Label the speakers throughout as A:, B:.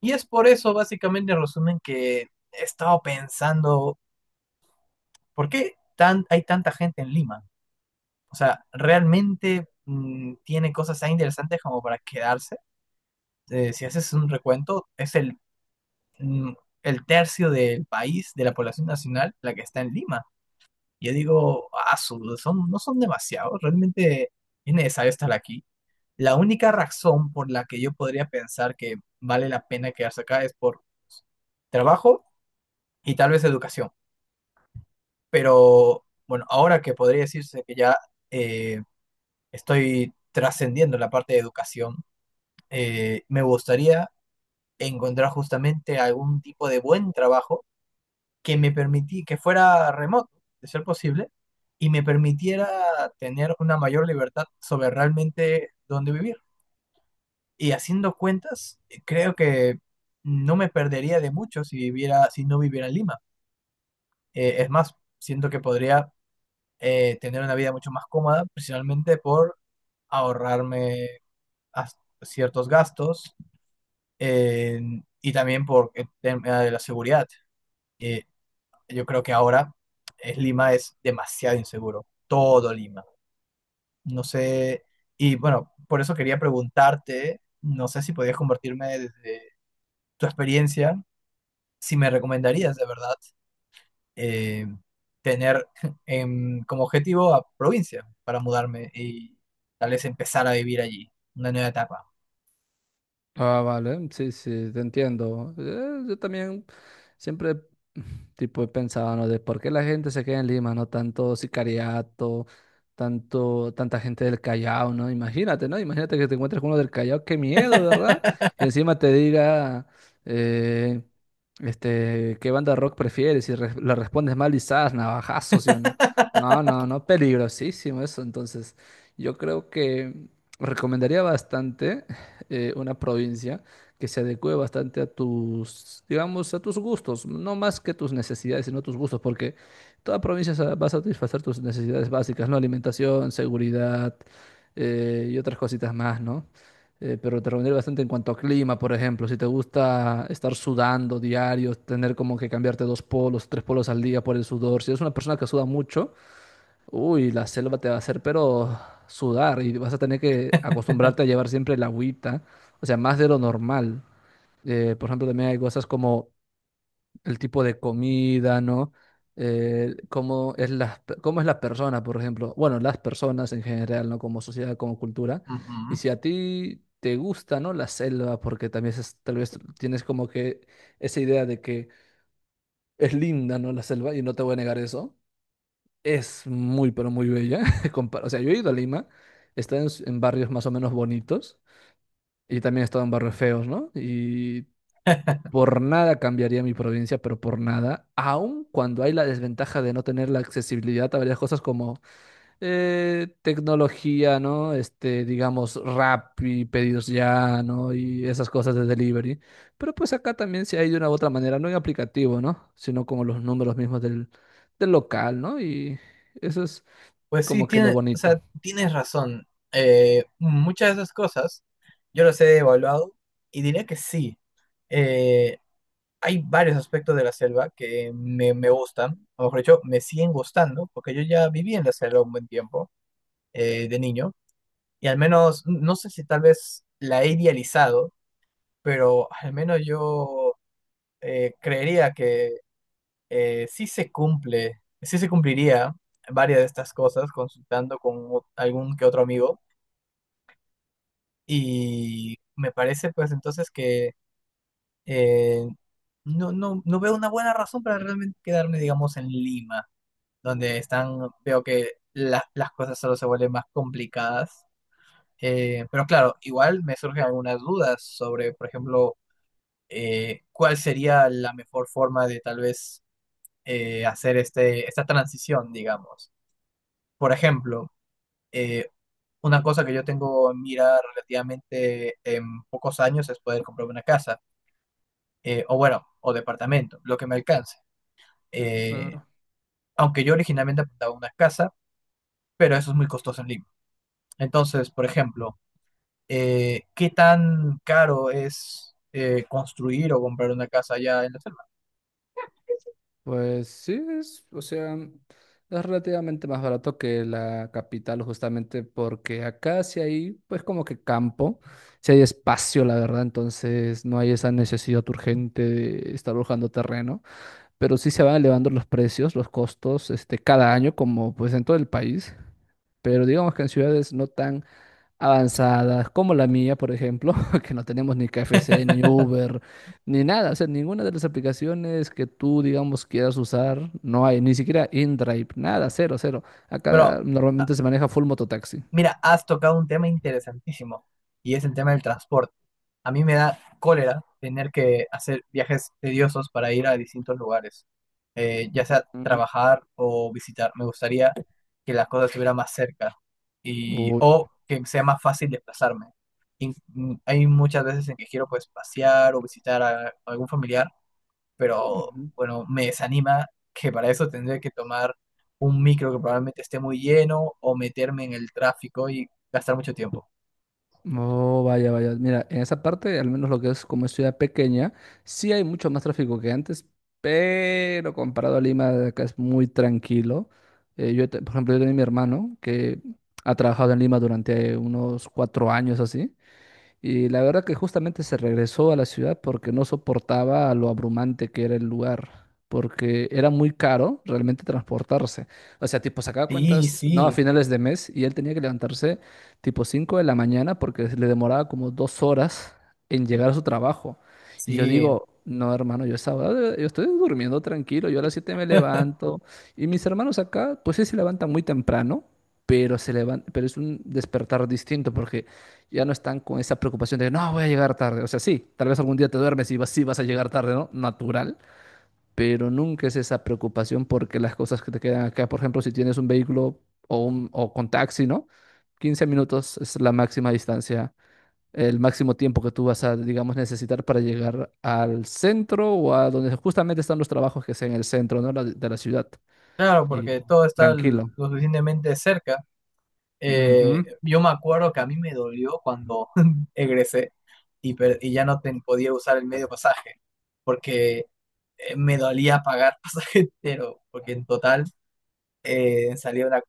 A: Y es por eso, básicamente, en resumen, que he estado pensando, ¿por qué tan, hay tanta gente en Lima? O sea, ¿realmente tiene cosas tan interesantes como para quedarse? Si haces un recuento, es el, mm, el tercio del país, de la población nacional, la que está en Lima. Yo digo, ah, son, no son demasiados, realmente es necesario estar aquí. La única razón por la que yo podría pensar que vale la pena quedarse acá es por trabajo y tal vez educación. Pero bueno, ahora que podría decirse que ya eh, estoy trascendiendo la parte de educación, me gustaría encontrar justamente algún tipo de buen trabajo que me permití que fuera remoto, de ser posible, y me permitiera tener una mayor libertad sobre realmente dónde vivir. Y haciendo cuentas, creo que no me perdería de mucho si no viviera en Lima. Es más, siento que podría tener una vida mucho más cómoda, principalmente por ahorrarme as- ciertos gastos, eh, y también por el tema de la seguridad. Eh, yo creo que ahora Lima es demasiado inseguro, todo Lima. No sé, y bueno, por eso quería preguntarte, no sé si podías compartirme desde tu experiencia, si me
B: Ujú.
A: recomendarías de verdad, eh, tener como objetivo a provincia para mudarme y tal vez empezar a vivir allí, una nueva etapa.
B: Ah, vale, sí, sí, te entiendo. Yo también siempre tipo he pensado, ¿no? De por qué la gente se queda en Lima, ¿no? Tanto sicariato, tanto, tanta gente del Callao, ¿no? Imagínate, ¿no? Imagínate que te encuentres con uno del Callao, qué miedo, ¿verdad? Y encima te diga, eh, este, ¿qué banda de rock prefieres? Le respondes mal, quizás, navajazos, ¿sí o no? No, no, no, peligrosísimo eso. Entonces, yo creo que recomendaría bastante. Una provincia que se adecue bastante a tus, digamos, a tus gustos, no más que tus necesidades, sino tus gustos, porque toda provincia va a satisfacer tus necesidades básicas, ¿no? Alimentación, seguridad, y otras cositas más, ¿no? Pero te reuniré bastante en cuanto a clima, por ejemplo, si te gusta estar sudando diario, tener como que cambiarte dos polos, tres polos al día por el sudor, si eres una persona que suda mucho, uy, la selva te va a hacer pero sudar y vas a tener que acostumbrarte a llevar siempre el agüita, o sea, más de lo normal. Por ejemplo, también hay cosas como el tipo de comida, ¿no? Cómo es la, cómo es la persona, por ejemplo. Bueno, las personas en general, ¿no? Como sociedad, como cultura.
A: Ujú.
B: Y si a ti te gusta, ¿no? La selva, porque también tal vez tienes como que esa idea de que es linda, ¿no? La selva, y no te voy a negar eso. Es muy, pero muy bella. O sea, yo he ido a Lima, he estado en, en barrios más o menos bonitos y también he estado en barrios feos, ¿no? Y por nada cambiaría mi provincia, pero por nada, aun cuando hay la desventaja de no tener la accesibilidad a varias cosas como tecnología, ¿no? Este, digamos, Rappi, pedidos ya, ¿no? Y esas cosas de delivery. Pero pues acá también se hay de una u otra manera, no en aplicativo, ¿no? Sino como los números mismos del, del local, ¿no? Y eso es
A: Pues sí,
B: como que lo
A: tiene, o
B: bonito.
A: sea, tienes razón. Muchas de esas cosas yo las he evaluado y diría que sí. Eh, hay varios aspectos de la selva que me gustan, o mejor dicho, me siguen gustando, porque yo ya viví en la selva un buen tiempo, de niño, y al menos, no sé si tal vez la he idealizado, pero al menos yo creería que sí se cumpliría varias de estas cosas consultando con algún que otro amigo, y me parece pues entonces que, eh, no veo una buena razón para realmente quedarme, digamos, en Lima, donde están, veo que las cosas solo se vuelven más complicadas. Pero claro, igual me surgen algunas dudas sobre, por ejemplo, cuál sería la mejor forma de tal vez hacer esta transición, digamos. Por ejemplo, eh, una cosa que yo tengo en mira relativamente en pocos años es poder comprarme una casa, o bueno, o departamento, lo que me alcance. Eh,
B: Claro.
A: aunque yo originalmente apuntaba a una casa, pero eso es muy costoso en Lima. Entonces, por ejemplo, ¿qué tan caro es construir o comprar una casa allá en la selva?
B: Pues sí, es, o sea, es relativamente más barato que la capital, justamente porque acá sí hay, pues como que campo, sí hay espacio, la verdad, entonces no hay esa necesidad urgente de estar buscando terreno, pero sí se van elevando los precios, los costos, este, cada año, como pues en todo el país, pero digamos que en ciudades no tan avanzadas, como la mía, por ejemplo, que no tenemos ni KFC, ni Uber, ni nada, o sea, ninguna de las aplicaciones que tú, digamos, quieras usar, no hay, ni siquiera InDrive, nada, cero, cero.
A: Pero,
B: Acá
A: ah,
B: normalmente se maneja full mototaxi.
A: mira, has tocado un tema interesantísimo, y es el tema del transporte. A mí me da cólera tener que hacer viajes tediosos para ir a distintos lugares, ya sea
B: Mm.
A: trabajar o visitar. Me gustaría que las cosas estuvieran más cerca y
B: Uy.
A: o que sea más fácil desplazarme. Y, hay muchas veces en que quiero pues pasear o visitar a algún familiar, pero
B: Ujú.
A: bueno, me desanima que para eso tendré que tomar un micro que probablemente esté muy lleno o meterme en el tráfico y gastar mucho tiempo.
B: Oh, vaya, vaya. Mira, en esa parte, al menos lo que es como es ciudad pequeña, sí hay mucho más tráfico que antes, pero comparado a Lima, de acá es muy tranquilo. Yo, por ejemplo, yo tenía mi hermano que ha trabajado en Lima durante unos 4 años así, y la verdad que justamente se regresó a la ciudad porque no soportaba lo abrumante que era el lugar, porque era muy caro realmente transportarse. O sea, tipo, sacaba
A: Sí,
B: cuentas, no, a
A: sí,
B: finales de mes y él tenía que levantarse tipo 5 de la mañana porque le demoraba como 2 horas en llegar a su trabajo. Y yo
A: sí.
B: digo, no, hermano, yo esa hora, yo estoy durmiendo tranquilo, yo a las 7 me levanto y mis hermanos acá, pues sí se levantan muy temprano. Pero, pero es un despertar distinto porque ya no están con esa preocupación de, no, voy a llegar tarde. O sea, sí, tal vez algún día te duermes y vas, sí vas a llegar tarde, ¿no? Natural, pero nunca es esa preocupación porque las cosas que te quedan acá, por ejemplo, si tienes un vehículo o, un, o con taxi, ¿no? 15 minutos es la máxima distancia, el máximo tiempo que tú vas a, digamos, necesitar para llegar al centro o a donde justamente están los trabajos que sea en el centro, ¿no? De la ciudad.
A: Claro,
B: Y
A: porque todo está
B: tranquilo.
A: lo suficientemente cerca.
B: Ujú.
A: Yo me acuerdo que a mí me dolió cuando egresé y, y ya no ten- podía usar el medio pasaje, porque me dolía pagar pasaje entero, porque en total salía una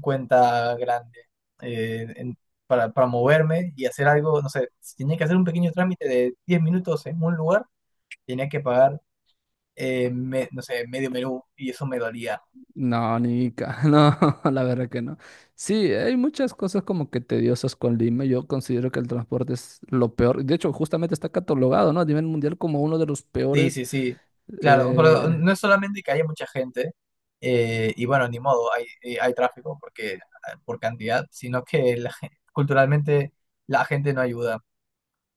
A: cuenta grande, eh, en- para moverme y hacer algo, no sé, si tenía que hacer un pequeño trámite de 10 minutos en un lugar, tenía que pagar, no sé, medio menú, y eso me dolía.
B: No, Nica, no, la verdad que no. Sí, hay muchas cosas como que tediosas con Lima. Yo considero que el transporte es lo peor. De hecho, justamente está catalogado, ¿no? A nivel mundial como uno de los
A: Sí,
B: peores.
A: sí, sí, claro, pero
B: Eh,
A: no es solamente que haya mucha gente, y bueno, ni modo, hay, hay tráfico porque, ah, por cantidad, sino que culturalmente la gente no ayuda.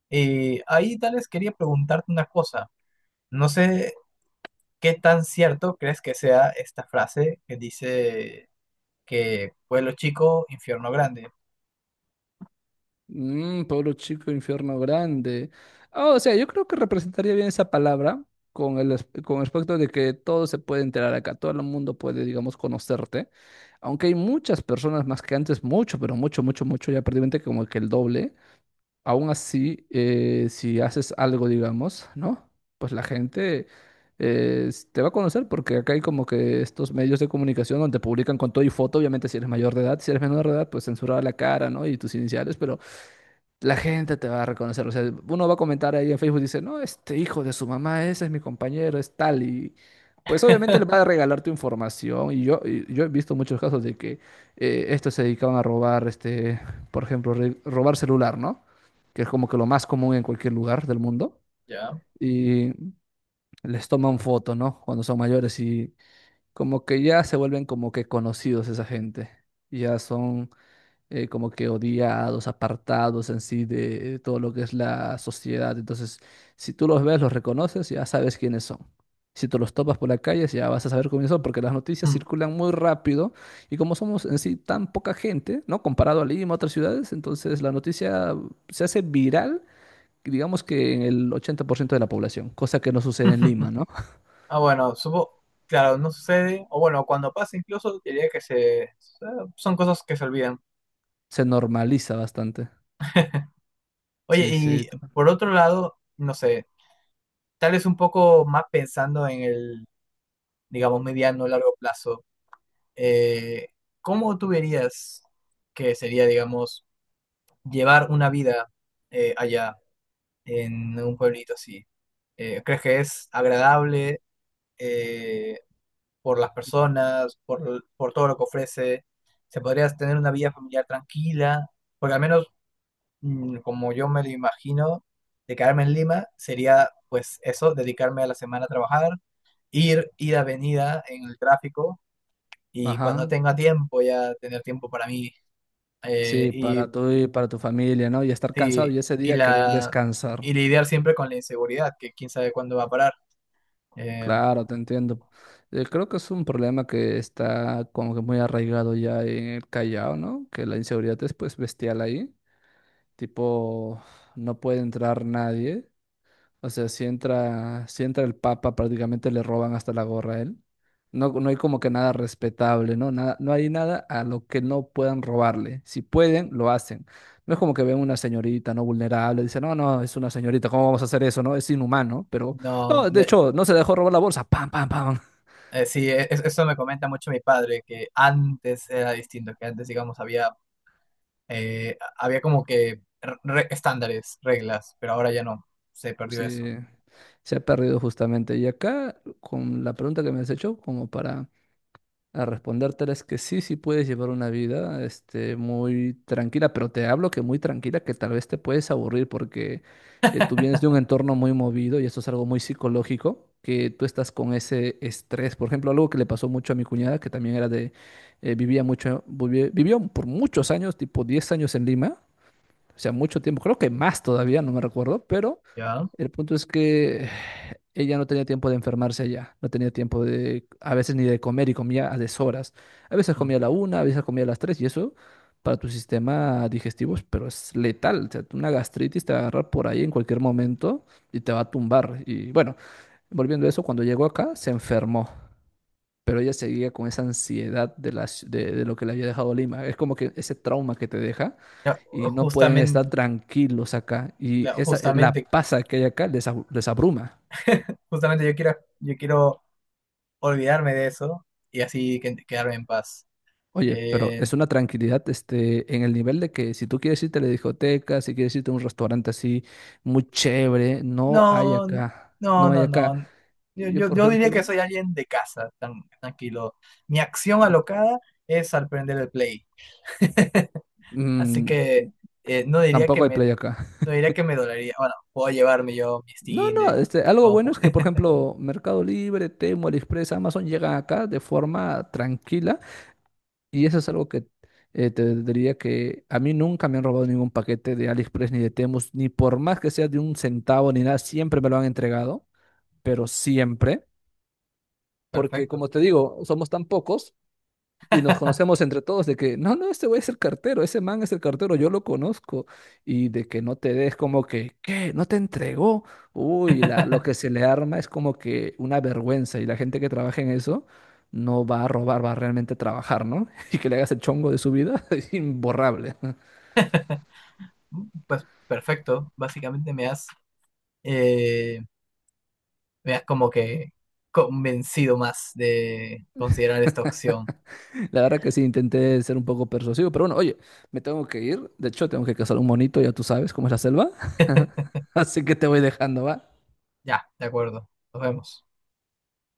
A: Y ahí tal vez quería preguntarte una cosa, no sé qué tan cierto crees que sea esta frase que dice que pueblo chico, infierno grande.
B: Pueblo chico, infierno grande. Ah, o sea, yo creo que representaría bien esa palabra con el, con el aspecto de que todo se puede enterar acá, todo el mundo puede, digamos, conocerte. Aunque hay muchas personas más que antes, mucho, pero mucho, mucho, mucho, ya prácticamente como que el doble. Aún así, si haces algo, digamos, ¿no? Pues la gente te va a conocer porque acá hay como que estos medios de comunicación donde publican con todo y foto, obviamente si eres mayor de edad, si eres menor de edad, pues censurada la cara, ¿no? Y tus iniciales, pero la gente te va a reconocer. O sea, uno va a comentar ahí en Facebook, dice, no, este hijo de su mamá, ese es mi compañero, es tal. Y pues obviamente le va a regalar tu información. Y yo he visto muchos casos de que estos se dedicaban a robar, este, por ejemplo, robar celular, ¿no? Que es como que lo más común en cualquier lugar del mundo.
A: Ya.
B: Y les toman foto, ¿no? Cuando son mayores y como que ya se vuelven como que conocidos esa gente. Ya son como que odiados, apartados en sí de todo lo que es la sociedad. Entonces, si tú los ves, los reconoces, ya sabes quiénes son. Si tú los topas por la calle, ya vas a saber quiénes son, porque las noticias
A: Mm.
B: circulan muy rápido y como somos en sí tan poca gente, ¿no? Comparado a Lima, a otras ciudades, entonces la noticia se hace viral, digamos que en el 80% de la población, cosa que no sucede en Lima, ¿no?
A: Ah, bueno, supo, claro, no sucede, o bueno, cuando pasa incluso diría que se, son cosas que se olvidan.
B: Se normaliza bastante.
A: Oye,
B: Sí, sí.
A: y por otro lado, no sé, tal vez un poco más pensando en el, digamos, mediano o largo plazo, eh, ¿cómo tú verías que sería, digamos, llevar una vida allá, en un pueblito así? ¿Crees que es agradable eh, por las personas, por todo lo que ofrece? ¿Se podría tener una vida familiar tranquila? Porque al menos, como yo me lo imagino, de quedarme en Lima sería pues eso, dedicarme a la semana a trabajar, ir, ida, venida en el tráfico, y cuando
B: Ajá.
A: tenga tiempo ya tener tiempo para mí, eh,
B: Sí,
A: y,
B: para tú y para tu familia, ¿no? Y estar cansado
A: y,
B: y ese
A: y
B: día querer
A: la,
B: descansar.
A: y lidiar siempre con la inseguridad, que quién sabe cuándo va a parar. Eh,
B: Claro, te entiendo. Creo que es un problema que está como que muy arraigado ya en el Callao, ¿no? Que la inseguridad es pues bestial ahí. Tipo, no puede entrar nadie. O sea, si entra, si entra el Papa, prácticamente le roban hasta la gorra a él. No, no hay como que nada respetable, ¿no? Nada, no hay nada a lo que no puedan robarle. Si pueden, lo hacen. No es como que ven una señorita no vulnerable, dicen, no, no, es una señorita, ¿cómo vamos a hacer eso, no? Es inhumano, pero
A: no,
B: no, de hecho, no se dejó robar la bolsa, pam, pam, pam.
A: sí, eso me comenta mucho mi padre, que antes era distinto, que antes digamos había, había como que estándares, reglas, pero ahora ya no, se perdió
B: Sí,
A: eso.
B: se ha perdido justamente. Y acá, con la pregunta que me has hecho, como para a respondértela es que sí, sí puedes llevar una vida, este, muy tranquila, pero te hablo que muy tranquila, que tal vez te puedes aburrir porque tú vienes de un entorno muy movido y esto es algo muy psicológico, que tú estás con ese estrés. Por ejemplo, algo que le pasó mucho a mi cuñada, que también era de, vivía mucho, vivió por muchos años, tipo 10 años en Lima, o sea, mucho tiempo, creo que más todavía, no me recuerdo, pero
A: Ya.
B: el punto es que ella no tenía tiempo de enfermarse allá, no tenía tiempo de, a veces ni de comer y comía a deshoras. A veces
A: Mm.
B: comía a la 1, a veces comía a las 3 y eso para tu sistema digestivo, pero es letal. O sea, una gastritis te va a agarrar por ahí en cualquier momento y te va a tumbar. Y bueno, volviendo a eso, cuando llegó acá se enfermó, pero ella seguía con esa ansiedad de, de lo que le había dejado Lima. Es como que ese trauma que te deja
A: No,
B: y no pueden estar
A: justamente,
B: tranquilos acá. Y esa, la
A: justamente,
B: pasa que hay acá les, les abruma.
A: justamente yo quiero olvidarme de eso y así quedarme en paz.
B: Oye, pero
A: Eh,
B: es una tranquilidad este, en el nivel de que si tú quieres irte a la discoteca, si quieres irte a un restaurante así muy chévere, no hay
A: no,
B: acá.
A: no,
B: No hay
A: no,
B: acá.
A: no.
B: Yo, por
A: Yo diría que
B: ejemplo,
A: soy alguien de casa, tan, tranquilo. Mi acción alocada es al prender el play. Así
B: mm,
A: que no diría que
B: tampoco hay
A: me,
B: play acá.
A: no diría que me dolería. Bueno, puedo llevarme yo mi
B: No,
A: Steam
B: no,
A: de
B: este,
A: mi
B: algo
A: compu.
B: bueno es que, por ejemplo, Mercado Libre, Temo, AliExpress, Amazon llegan acá de forma tranquila. Y eso es algo que te diría que a mí nunca me han robado ningún paquete de AliExpress ni de Temu, ni por más que sea de un centavo ni nada, siempre me lo han entregado, pero siempre, porque
A: Perfecto.
B: como te digo, somos tan pocos y nos conocemos entre todos de que, no, no, este güey es el cartero, ese man es el cartero, yo lo conozco. Y de que no te des como que, ¿qué? ¿No te entregó? Uy, lo que se le arma es como que una vergüenza. Y la gente que trabaja en eso no va a robar, va a realmente trabajar, ¿no? Y que le hagas el chongo de su vida es imborrable.
A: Pues perfecto. Básicamente eh, me has como que convencido más de considerar esta opción.
B: La verdad que sí, intenté ser un poco persuasivo, pero bueno, oye, me tengo que ir. De hecho, tengo que cazar un monito, ya tú sabes cómo es la selva. Así que te voy dejando, ¿va?
A: Ya, de acuerdo. Nos vemos.